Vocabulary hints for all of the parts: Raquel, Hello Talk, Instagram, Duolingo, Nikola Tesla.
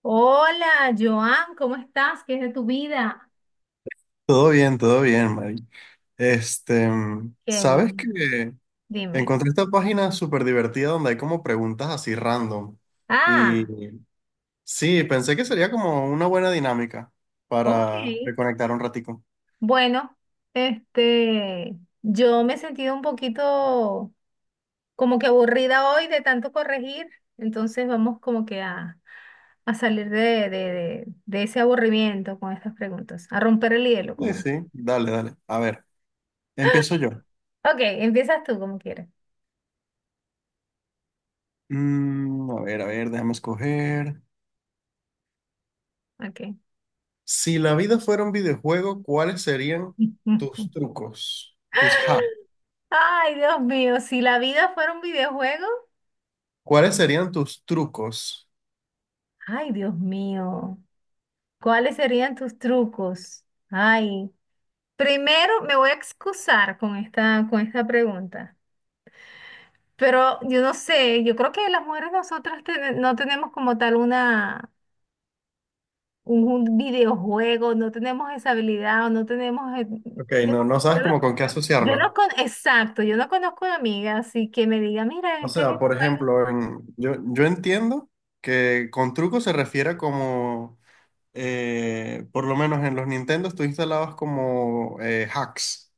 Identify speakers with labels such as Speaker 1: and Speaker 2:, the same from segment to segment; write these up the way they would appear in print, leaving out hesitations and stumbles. Speaker 1: Hola, Joan, ¿cómo estás? ¿Qué es de tu vida?
Speaker 2: Todo bien, Mari.
Speaker 1: Qué
Speaker 2: ¿Sabes
Speaker 1: bueno.
Speaker 2: que
Speaker 1: Dime.
Speaker 2: encontré esta página súper divertida donde hay como preguntas así random? Y
Speaker 1: Ah,
Speaker 2: sí, pensé que sería como una buena dinámica
Speaker 1: ok.
Speaker 2: para reconectar un ratico.
Speaker 1: Bueno, este, yo me he sentido un poquito como que aburrida hoy de tanto corregir, entonces vamos como que a salir de ese aburrimiento con estas preguntas, a romper el hielo
Speaker 2: Sí,
Speaker 1: con él.
Speaker 2: sí, dale, dale. A ver, empiezo yo.
Speaker 1: Ok, empiezas tú como quieras.
Speaker 2: A ver, a ver, déjame escoger.
Speaker 1: Ok.
Speaker 2: Si la vida fuera un videojuego, ¿cuáles serían tus trucos? Tus hacks.
Speaker 1: Ay, Dios mío, si la vida fuera un videojuego,
Speaker 2: ¿Cuáles serían tus trucos?
Speaker 1: ay, Dios mío. ¿Cuáles serían tus trucos? Ay, primero me voy a excusar con esta pregunta, pero yo no sé, yo creo que las mujeres nosotras no tenemos como tal un videojuego, no tenemos esa habilidad o no tenemos.
Speaker 2: Ok,
Speaker 1: Yo,
Speaker 2: no, no sabes
Speaker 1: yo no,
Speaker 2: como con
Speaker 1: con-
Speaker 2: qué
Speaker 1: yo no
Speaker 2: asociarlo.
Speaker 1: con, Exacto, yo no conozco a amiga así que me diga, mira, en
Speaker 2: O
Speaker 1: este
Speaker 2: sea, por
Speaker 1: videojuego.
Speaker 2: ejemplo, yo entiendo que con truco se refiere como, por lo menos en los Nintendos, tú instalabas como hacks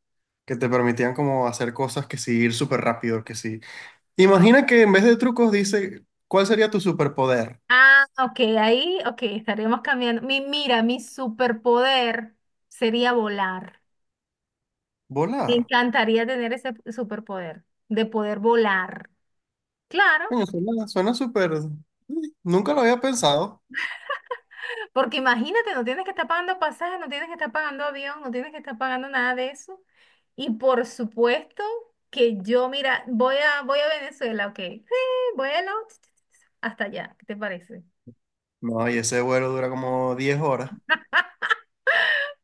Speaker 2: que te permitían como hacer cosas que sí, ir súper rápido, que sí. Imagina que en vez de trucos dice, ¿cuál sería tu superpoder?
Speaker 1: Ah, ok, ahí, ok, estaremos cambiando. Mira, mi superpoder sería volar. Me
Speaker 2: Volar.
Speaker 1: encantaría tener ese superpoder de poder volar. Claro,
Speaker 2: Coño, suena, suena súper. Sí, nunca lo había pensado.
Speaker 1: porque imagínate, no tienes que estar pagando pasajes, no tienes que estar pagando avión, no tienes que estar pagando nada de eso. Y por supuesto que yo, mira, voy a Venezuela, ok. Sí, vuelo hasta allá, ¿qué te parece?
Speaker 2: No, y ese vuelo dura como 10 horas.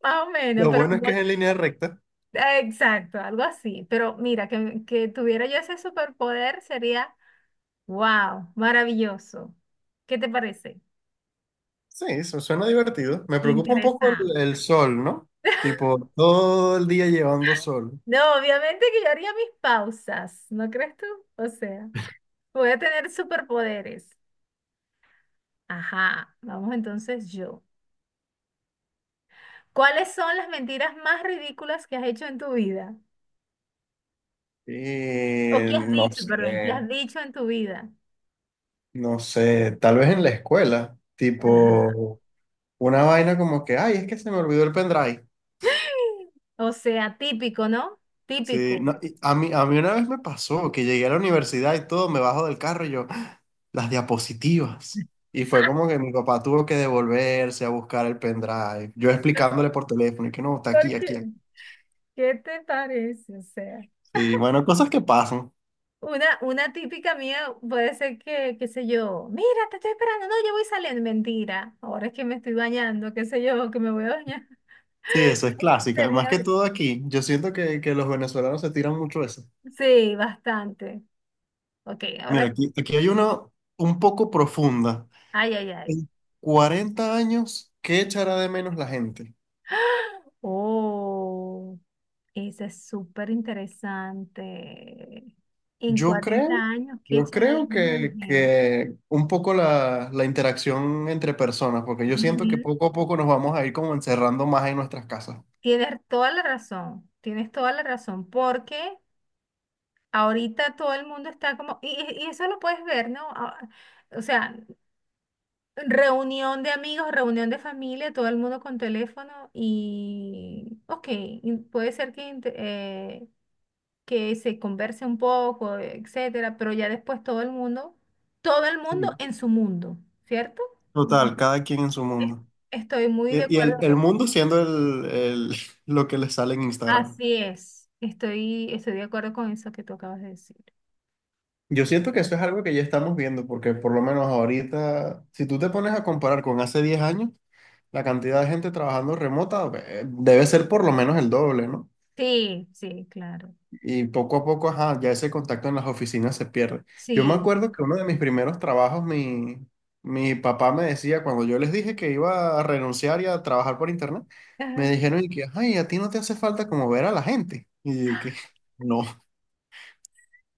Speaker 1: Más o menos,
Speaker 2: Lo
Speaker 1: pero
Speaker 2: bueno es que es en línea recta.
Speaker 1: exacto, algo así. Pero mira, que tuviera yo ese superpoder sería, wow, maravilloso. ¿Qué te parece?
Speaker 2: Sí, eso suena divertido. Me preocupa un poco
Speaker 1: Interesante.
Speaker 2: el sol, ¿no? Tipo, todo el día llevando sol.
Speaker 1: No, obviamente que yo haría mis pausas, ¿no crees tú? O sea, voy a tener superpoderes. Ajá, vamos entonces yo. ¿Cuáles son las mentiras más ridículas que has hecho en tu vida? O
Speaker 2: Y
Speaker 1: que has
Speaker 2: no
Speaker 1: dicho, perdón, que
Speaker 2: sé,
Speaker 1: has dicho en tu vida.
Speaker 2: no sé, tal vez en la escuela,
Speaker 1: Ajá.
Speaker 2: tipo, una vaina como que, ay, es que se me olvidó el pendrive.
Speaker 1: O sea, típico, ¿no?
Speaker 2: Sí,
Speaker 1: Típico.
Speaker 2: no, y a mí una vez me pasó que llegué a la universidad y todo, me bajo del carro y yo, "Ah, las diapositivas". Y fue como que mi papá tuvo que devolverse a buscar el pendrive, yo explicándole por teléfono y que no, está
Speaker 1: ¿Por
Speaker 2: aquí,
Speaker 1: qué?
Speaker 2: aquí, aquí.
Speaker 1: ¿Qué te parece? O sea.
Speaker 2: Sí, bueno, cosas que pasan.
Speaker 1: Una típica mía puede ser que, qué sé yo, mira, te estoy esperando, no, yo voy saliendo, mentira, ahora es que me estoy bañando, qué sé yo, que me voy a bañar.
Speaker 2: Sí, eso es clásica. Más que
Speaker 1: Sería-
Speaker 2: todo aquí, yo siento que los venezolanos se tiran mucho eso.
Speaker 1: Sí, bastante. Ok,
Speaker 2: Mira,
Speaker 1: ahora, tú.
Speaker 2: aquí hay una un poco profunda.
Speaker 1: Ay, ay, ay.
Speaker 2: En 40 años, ¿qué echará de menos la gente?
Speaker 1: ¡Ah! Oh, ese es súper interesante. En
Speaker 2: Yo
Speaker 1: 40
Speaker 2: creo,
Speaker 1: años, ¿qué
Speaker 2: yo
Speaker 1: echará de
Speaker 2: creo
Speaker 1: menos
Speaker 2: que,
Speaker 1: la gente?
Speaker 2: que un poco la interacción entre personas, porque yo siento que
Speaker 1: Ujú.
Speaker 2: poco a poco nos vamos a ir como encerrando más en nuestras casas.
Speaker 1: Tienes toda la razón, tienes toda la razón, porque ahorita todo el mundo está como, y eso lo puedes ver, ¿no? Ah, o sea, reunión de amigos, reunión de familia, todo el mundo con teléfono y, ok, y puede ser que se converse un poco, etcétera, pero ya después todo el mundo
Speaker 2: Sí.
Speaker 1: en su mundo, ¿cierto? Ujú.
Speaker 2: Total, cada quien en su
Speaker 1: Es-
Speaker 2: mundo.
Speaker 1: Estoy muy de
Speaker 2: Y
Speaker 1: acuerdo.
Speaker 2: el mundo siendo lo que les sale en Instagram.
Speaker 1: Así es, estoy de acuerdo con eso que tú acabas de decir.
Speaker 2: Yo siento que eso es algo que ya estamos viendo, porque por lo menos ahorita, si tú te pones a comparar con hace 10 años, la cantidad de gente trabajando remota debe ser por lo menos el doble, ¿no?
Speaker 1: Sí, sí, claro.
Speaker 2: Y poco a poco, ajá, ya ese contacto en las oficinas se pierde. Yo me
Speaker 1: Sí.
Speaker 2: acuerdo que uno de mis primeros trabajos, mi papá me decía, cuando yo les dije que iba a renunciar y a trabajar por internet, me dijeron, y que, ay, a ti no te hace falta como ver a la gente. Y yo, que, no,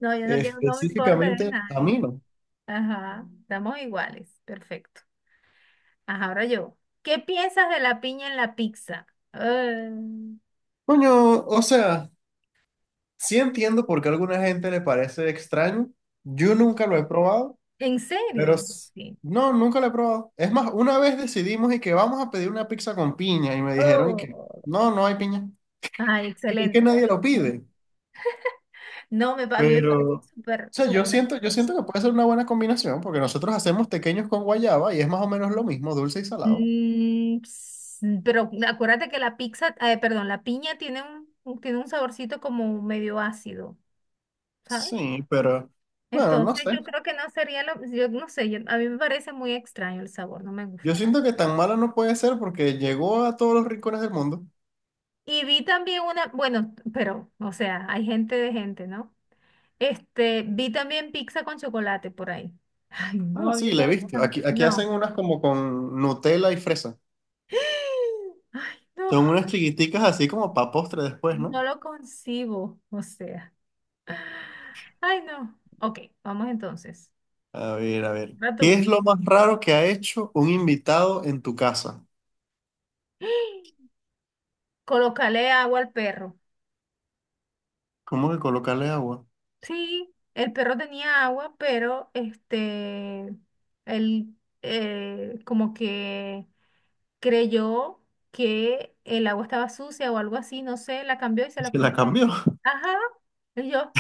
Speaker 1: No, yo no quiero, no me importa de
Speaker 2: específicamente a mí
Speaker 1: nadie.
Speaker 2: no.
Speaker 1: Ajá, estamos iguales. Perfecto. Ajá, ahora yo. ¿Qué piensas de la piña en la pizza? Eh,
Speaker 2: Coño, o sea. Sí entiendo por qué a alguna gente le parece extraño. Yo nunca lo he probado,
Speaker 1: ¿En
Speaker 2: pero
Speaker 1: serio? Sí.
Speaker 2: no, nunca lo he probado. Es más, una vez decidimos y que vamos a pedir una pizza con piña y me dijeron y que
Speaker 1: Oh.
Speaker 2: no, no hay piña.
Speaker 1: Ay,
Speaker 2: Y es que
Speaker 1: excelente.
Speaker 2: nadie
Speaker 1: ¿Ves?
Speaker 2: lo pide.
Speaker 1: No, a mí me
Speaker 2: Pero,
Speaker 1: parece
Speaker 2: o
Speaker 1: súper,
Speaker 2: sea, yo
Speaker 1: súper
Speaker 2: siento, yo
Speaker 1: asqueroso.
Speaker 2: siento que puede ser una buena combinación porque nosotros hacemos pequeños con guayaba y es más o menos lo mismo, dulce y salado.
Speaker 1: Mm, ps- pero acuérdate que la pizza, perdón, la piña tiene un saborcito como medio ácido, ¿sabes?
Speaker 2: Sí, pero bueno, no
Speaker 1: Entonces
Speaker 2: sé.
Speaker 1: yo creo que no sería lo, yo no sé, a mí me parece muy extraño el sabor, no me
Speaker 2: Yo
Speaker 1: gusta.
Speaker 2: siento que tan mala no puede ser porque llegó a todos los rincones del mundo.
Speaker 1: Y vi también una, bueno, pero, o sea, hay gente de gente, ¿no? Vi también pizza con chocolate por ahí. Ay, no,
Speaker 2: Ah,
Speaker 1: a mí
Speaker 2: sí,
Speaker 1: me
Speaker 2: la he visto.
Speaker 1: gusta-
Speaker 2: Aquí hacen
Speaker 1: no.
Speaker 2: unas como con Nutella y fresa.
Speaker 1: Ay, no,
Speaker 2: Son unas chiquiticas así como para postre después, ¿no?
Speaker 1: no lo concibo, o sea. Ay, no. Ok, vamos entonces.
Speaker 2: A ver, a ver.
Speaker 1: Va tú.
Speaker 2: ¿Qué es lo más raro que ha hecho un invitado en tu casa?
Speaker 1: Colócale agua al perro.
Speaker 2: ¿Cómo que colocarle agua?
Speaker 1: Sí, el perro tenía agua, pero él como que creyó que el agua estaba sucia o algo así, no sé, la cambió y se la
Speaker 2: Se la
Speaker 1: puso.
Speaker 2: cambió.
Speaker 1: Ajá, y yo,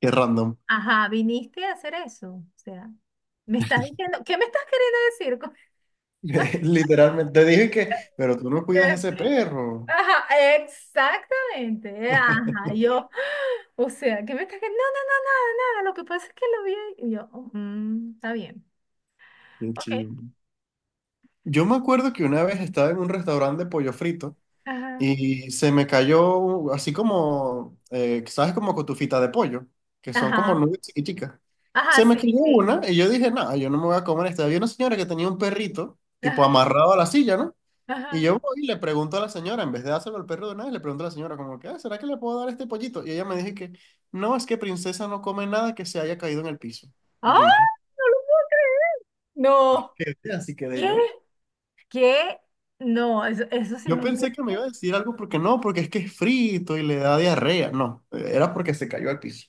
Speaker 2: Qué random.
Speaker 1: ajá, viniste a hacer eso. O sea, me estás diciendo, ¿qué me estás queriendo decir?
Speaker 2: Literalmente te dije que, pero tú no cuidas
Speaker 1: Eh,
Speaker 2: ese perro.
Speaker 1: Ajá, exactamente, ajá, yo, o sea, ¿qué me estás queriendo? No, no, no, nada, nada, lo que pasa es que lo vi y yo, "Oh, está bien,
Speaker 2: Qué
Speaker 1: ok,
Speaker 2: chido. Yo me acuerdo que una vez estaba en un restaurante de pollo frito
Speaker 1: ajá.
Speaker 2: y se me cayó así como, ¿sabes? Como cotufita de pollo, que son como
Speaker 1: Ajá,
Speaker 2: nubes chiquiticas.
Speaker 1: ajá,
Speaker 2: Se me
Speaker 1: sí,
Speaker 2: cayó
Speaker 1: sí.
Speaker 2: una y yo dije, nada, yo no me voy a comer esta. Había una señora que tenía un perrito, tipo
Speaker 1: Ajá,
Speaker 2: amarrado a la silla, ¿no? Y
Speaker 1: ajá.
Speaker 2: yo voy y le pregunto a la señora, en vez de dárselo al perro de una vez, le pregunto a la señora como que, "Ah, ¿será que le puedo dar este pollito?" Y ella me dijo que, no, es que princesa no come nada que se haya caído en el piso. Y
Speaker 1: ¡Ah!
Speaker 2: yo dije,
Speaker 1: No,
Speaker 2: "¿Qué?". Así quedé
Speaker 1: ¿qué?
Speaker 2: yo.
Speaker 1: ¿Qué? No, eso sí
Speaker 2: Yo
Speaker 1: me.
Speaker 2: pensé que me iba a decir algo porque no, porque es que es frito y le da diarrea. No, era porque se cayó al piso.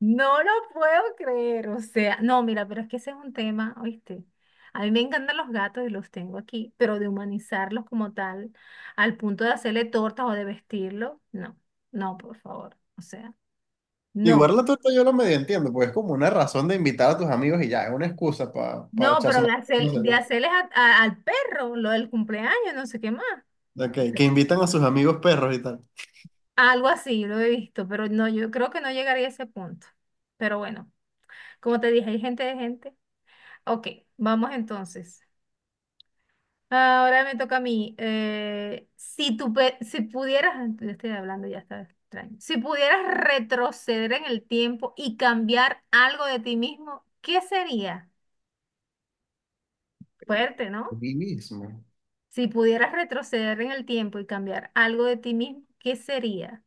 Speaker 1: No lo puedo creer, o sea, no, mira, pero es que ese es un tema, ¿oíste? A mí me encantan los gatos y los tengo aquí, pero de humanizarlos como tal, al punto de hacerle tortas o de vestirlo, no, no, por favor, o sea,
Speaker 2: Igual
Speaker 1: no,
Speaker 2: la torta yo lo medio entiendo, porque es como una razón de invitar a tus amigos y ya, es una excusa para
Speaker 1: no,
Speaker 2: echarse
Speaker 1: pero
Speaker 2: una,
Speaker 1: de
Speaker 2: no
Speaker 1: hacer,
Speaker 2: sé,
Speaker 1: de
Speaker 2: pues.
Speaker 1: hacerles al perro lo del cumpleaños, no sé qué más.
Speaker 2: Ok, que invitan a sus amigos perros y tal.
Speaker 1: Algo así, lo he visto, pero no, yo creo que no llegaría a ese punto. Pero bueno, como te dije, hay gente de gente. Ok, vamos entonces. Ahora me toca a mí. Si pudieras, yo estoy hablando, ya está extraño. Si pudieras retroceder en el tiempo y cambiar algo de ti mismo, ¿qué sería? Fuerte, ¿no?
Speaker 2: Mí mismo.
Speaker 1: Si pudieras retroceder en el tiempo y cambiar algo de ti mismo, ¿qué sería?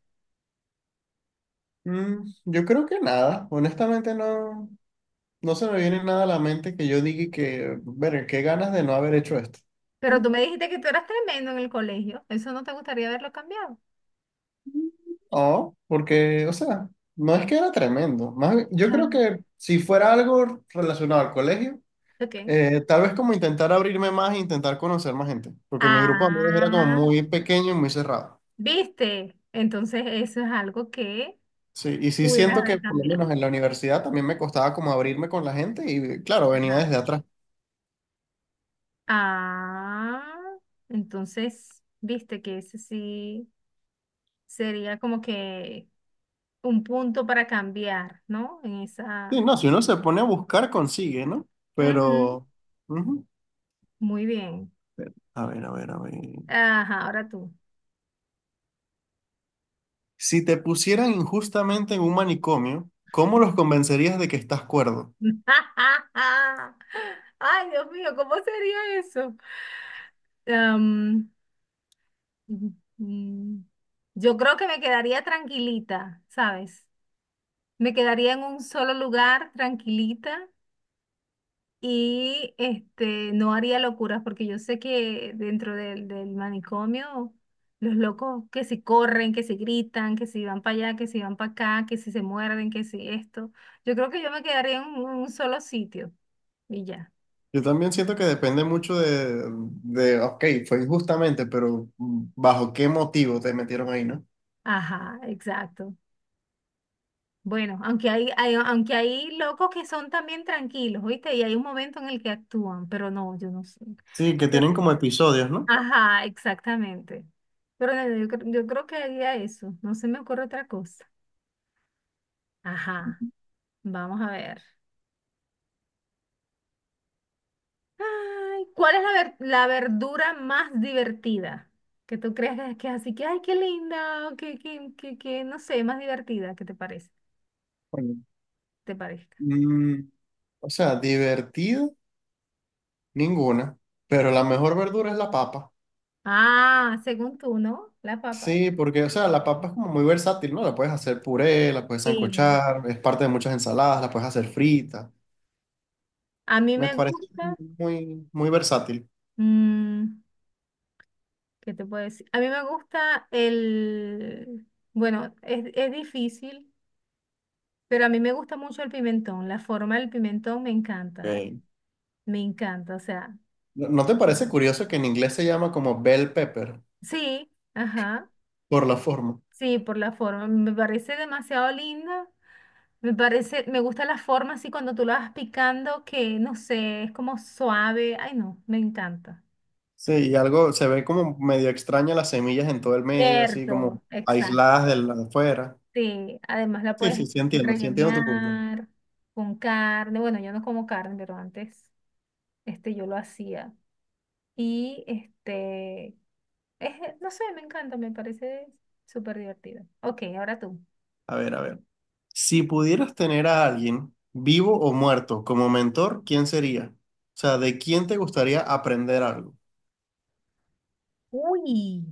Speaker 2: Yo creo que nada, honestamente no, no se me viene nada a la mente que yo diga que, ver, qué ganas de no haber hecho esto.
Speaker 1: Pero tú
Speaker 2: Mm,
Speaker 1: me dijiste que tú eras tremendo en el colegio. Eso no te gustaría verlo cambiado.
Speaker 2: No, porque, o sea, no es que era tremendo. Más bien, yo creo que si fuera algo relacionado al colegio,
Speaker 1: Ok.
Speaker 2: Tal vez como intentar abrirme más e intentar conocer más gente, porque mi grupo de amigos era como
Speaker 1: Ah,
Speaker 2: muy pequeño y muy cerrado.
Speaker 1: ¿viste? Entonces eso es algo que
Speaker 2: Sí, y sí
Speaker 1: pudieras
Speaker 2: siento
Speaker 1: haber
Speaker 2: que por lo
Speaker 1: cambiado.
Speaker 2: menos en la universidad también me costaba como abrirme con la gente y claro, venía
Speaker 1: Ajá.
Speaker 2: desde atrás.
Speaker 1: Ah, entonces, ¿viste que ese sí sería como que un punto para cambiar, no? En esa.
Speaker 2: Sí, no, si uno se pone a buscar consigue, ¿no?
Speaker 1: Ujú,
Speaker 2: Pero. Ujú.
Speaker 1: muy bien.
Speaker 2: A ver, a ver, a ver.
Speaker 1: Ajá, ahora tú.
Speaker 2: Si te pusieran injustamente en un manicomio, ¿cómo los convencerías de que estás cuerdo?
Speaker 1: Ay, Dios mío, ¿cómo sería eso? Mm, Yo creo que me quedaría tranquilita, ¿sabes? Me quedaría en un solo lugar tranquilita y no haría locuras porque yo sé que dentro del manicomio los locos que si corren, que si gritan, que si van para allá, que si van para acá, que si se muerden, que si esto. Yo creo que yo me quedaría en un solo sitio y ya.
Speaker 2: Yo también siento que depende mucho de, ok, fue injustamente, pero ¿bajo qué motivo te metieron ahí, no?
Speaker 1: Ajá, exacto. Bueno, aunque hay locos que son también tranquilos, ¿viste? Y hay un momento en el que actúan, pero no, yo no sé.
Speaker 2: Sí, que
Speaker 1: Pero-
Speaker 2: tienen como episodios, ¿no?
Speaker 1: Ajá, exactamente. Pero no, yo creo que haría eso, no se me ocurre otra cosa. Ajá, vamos a ver. Ay, ¿cuál es la verdura más divertida? Que tú creas que es así, que, ay, qué linda, o que, no sé, más divertida, ¿qué te parece?
Speaker 2: Bueno,
Speaker 1: ¿Te parezca?
Speaker 2: Mm, o sea, divertido, ninguna. Pero la mejor verdura es la papa.
Speaker 1: Ah, según tú, ¿no? La papa.
Speaker 2: Sí, porque, o sea, la papa es como muy versátil, ¿no? La puedes hacer puré, la puedes
Speaker 1: Sí.
Speaker 2: sancochar, es parte de muchas ensaladas, la puedes hacer frita.
Speaker 1: A mí
Speaker 2: Me
Speaker 1: me
Speaker 2: parece
Speaker 1: gusta.
Speaker 2: muy, muy versátil.
Speaker 1: Mm, ¿Qué te puedo decir? A mí me gusta el, bueno, es difícil, pero a mí me gusta mucho el pimentón. La forma del pimentón me encanta,
Speaker 2: Ok.
Speaker 1: me encanta. O sea,
Speaker 2: ¿No te parece curioso que en inglés se llama como bell pepper
Speaker 1: sí, ajá,
Speaker 2: por la forma?
Speaker 1: sí, por la forma. Me parece demasiado linda. Me parece, me gusta la forma así cuando tú la vas picando, que no sé, es como suave. Ay, no, me encanta.
Speaker 2: Sí, y algo se ve como medio extraña las semillas en todo el medio, así
Speaker 1: Cierto,
Speaker 2: como
Speaker 1: exacto.
Speaker 2: aisladas de la de afuera.
Speaker 1: Sí, además la
Speaker 2: Sí,
Speaker 1: puedes
Speaker 2: sí, sí, entiendo tu punto.
Speaker 1: rellenar con carne. Bueno, yo no como carne, pero antes yo lo hacía. Y este, es, no sé, me encanta, me parece súper divertido. Ok, ahora tú.
Speaker 2: A ver, a ver. Si pudieras tener a alguien vivo o muerto como mentor, ¿quién sería? O sea, ¿de quién te gustaría aprender algo?
Speaker 1: Uy.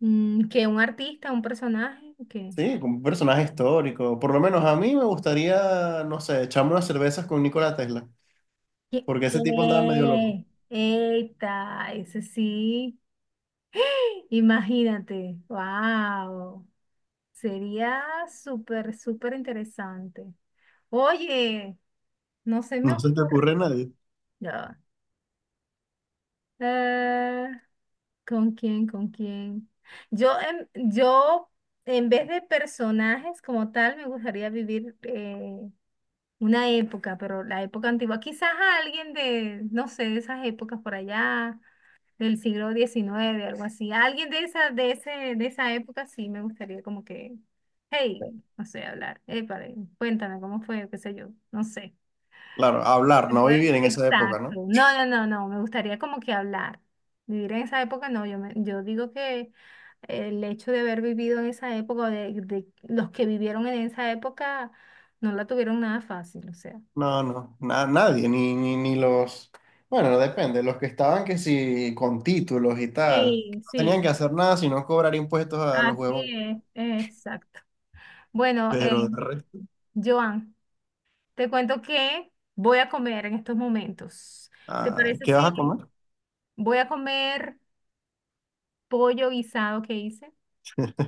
Speaker 1: Que un artista, un personaje, que.
Speaker 2: Sí, como un personaje histórico. Por lo menos a mí me gustaría, no sé, echarme unas cervezas con Nikola Tesla,
Speaker 1: Que
Speaker 2: porque ese tipo andaba medio loco.
Speaker 1: ¡Eh! ¡Eita! Ese sí. Imagínate. ¡Wow! Sería súper, súper interesante. Oye, no se me
Speaker 2: No se te
Speaker 1: ocurre.
Speaker 2: ocurre a nadie.
Speaker 1: Ya. Eh, ¿Con quién? ¿Con quién? Yo en vez de personajes como tal, me gustaría vivir una época, pero la época antigua. Quizás a alguien de, no sé, de esas épocas por allá, del siglo XIX algo así. Alguien de esa, de ese, de esa época sí me gustaría como que, hey, no sé, hablar. Cuéntame cómo fue, qué sé yo, no sé.
Speaker 2: Claro, hablar, no
Speaker 1: Después,
Speaker 2: vivir en esa época, ¿no?
Speaker 1: exacto. No, no, no, no. Me gustaría como que hablar. Vivir en esa época, no. Yo digo que el hecho de haber vivido en esa época, o de los que vivieron en esa época, no la tuvieron nada fácil, o sea.
Speaker 2: No, no, nadie, ni los, bueno, depende, los que estaban que sí, con títulos y tal, que
Speaker 1: Sí,
Speaker 2: no tenían que
Speaker 1: sí,
Speaker 2: hacer nada sino cobrar impuestos a los
Speaker 1: así
Speaker 2: huevos,
Speaker 1: es, exacto. Bueno,
Speaker 2: pero de resto,
Speaker 1: Joan, te cuento que voy a comer en estos momentos. ¿Te
Speaker 2: ay,
Speaker 1: parece
Speaker 2: ¿qué vas a
Speaker 1: si
Speaker 2: comer?
Speaker 1: voy a comer pollo guisado que hice?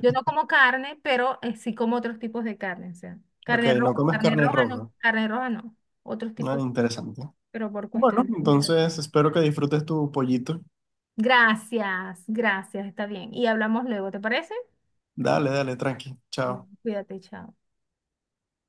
Speaker 1: Yo no como carne, pero sí como otros tipos de carne, o sea,
Speaker 2: Ok, no comes carne roja.
Speaker 1: carne roja no, otros
Speaker 2: Ah,
Speaker 1: tipos,
Speaker 2: interesante.
Speaker 1: pero por
Speaker 2: Bueno,
Speaker 1: cuestión de alimentación.
Speaker 2: entonces espero que disfrutes tu pollito,
Speaker 1: Gracias, gracias, está bien. Y hablamos luego, ¿te parece?
Speaker 2: dale, dale, tranqui,
Speaker 1: Bueno,
Speaker 2: chao.
Speaker 1: cuídate, chao.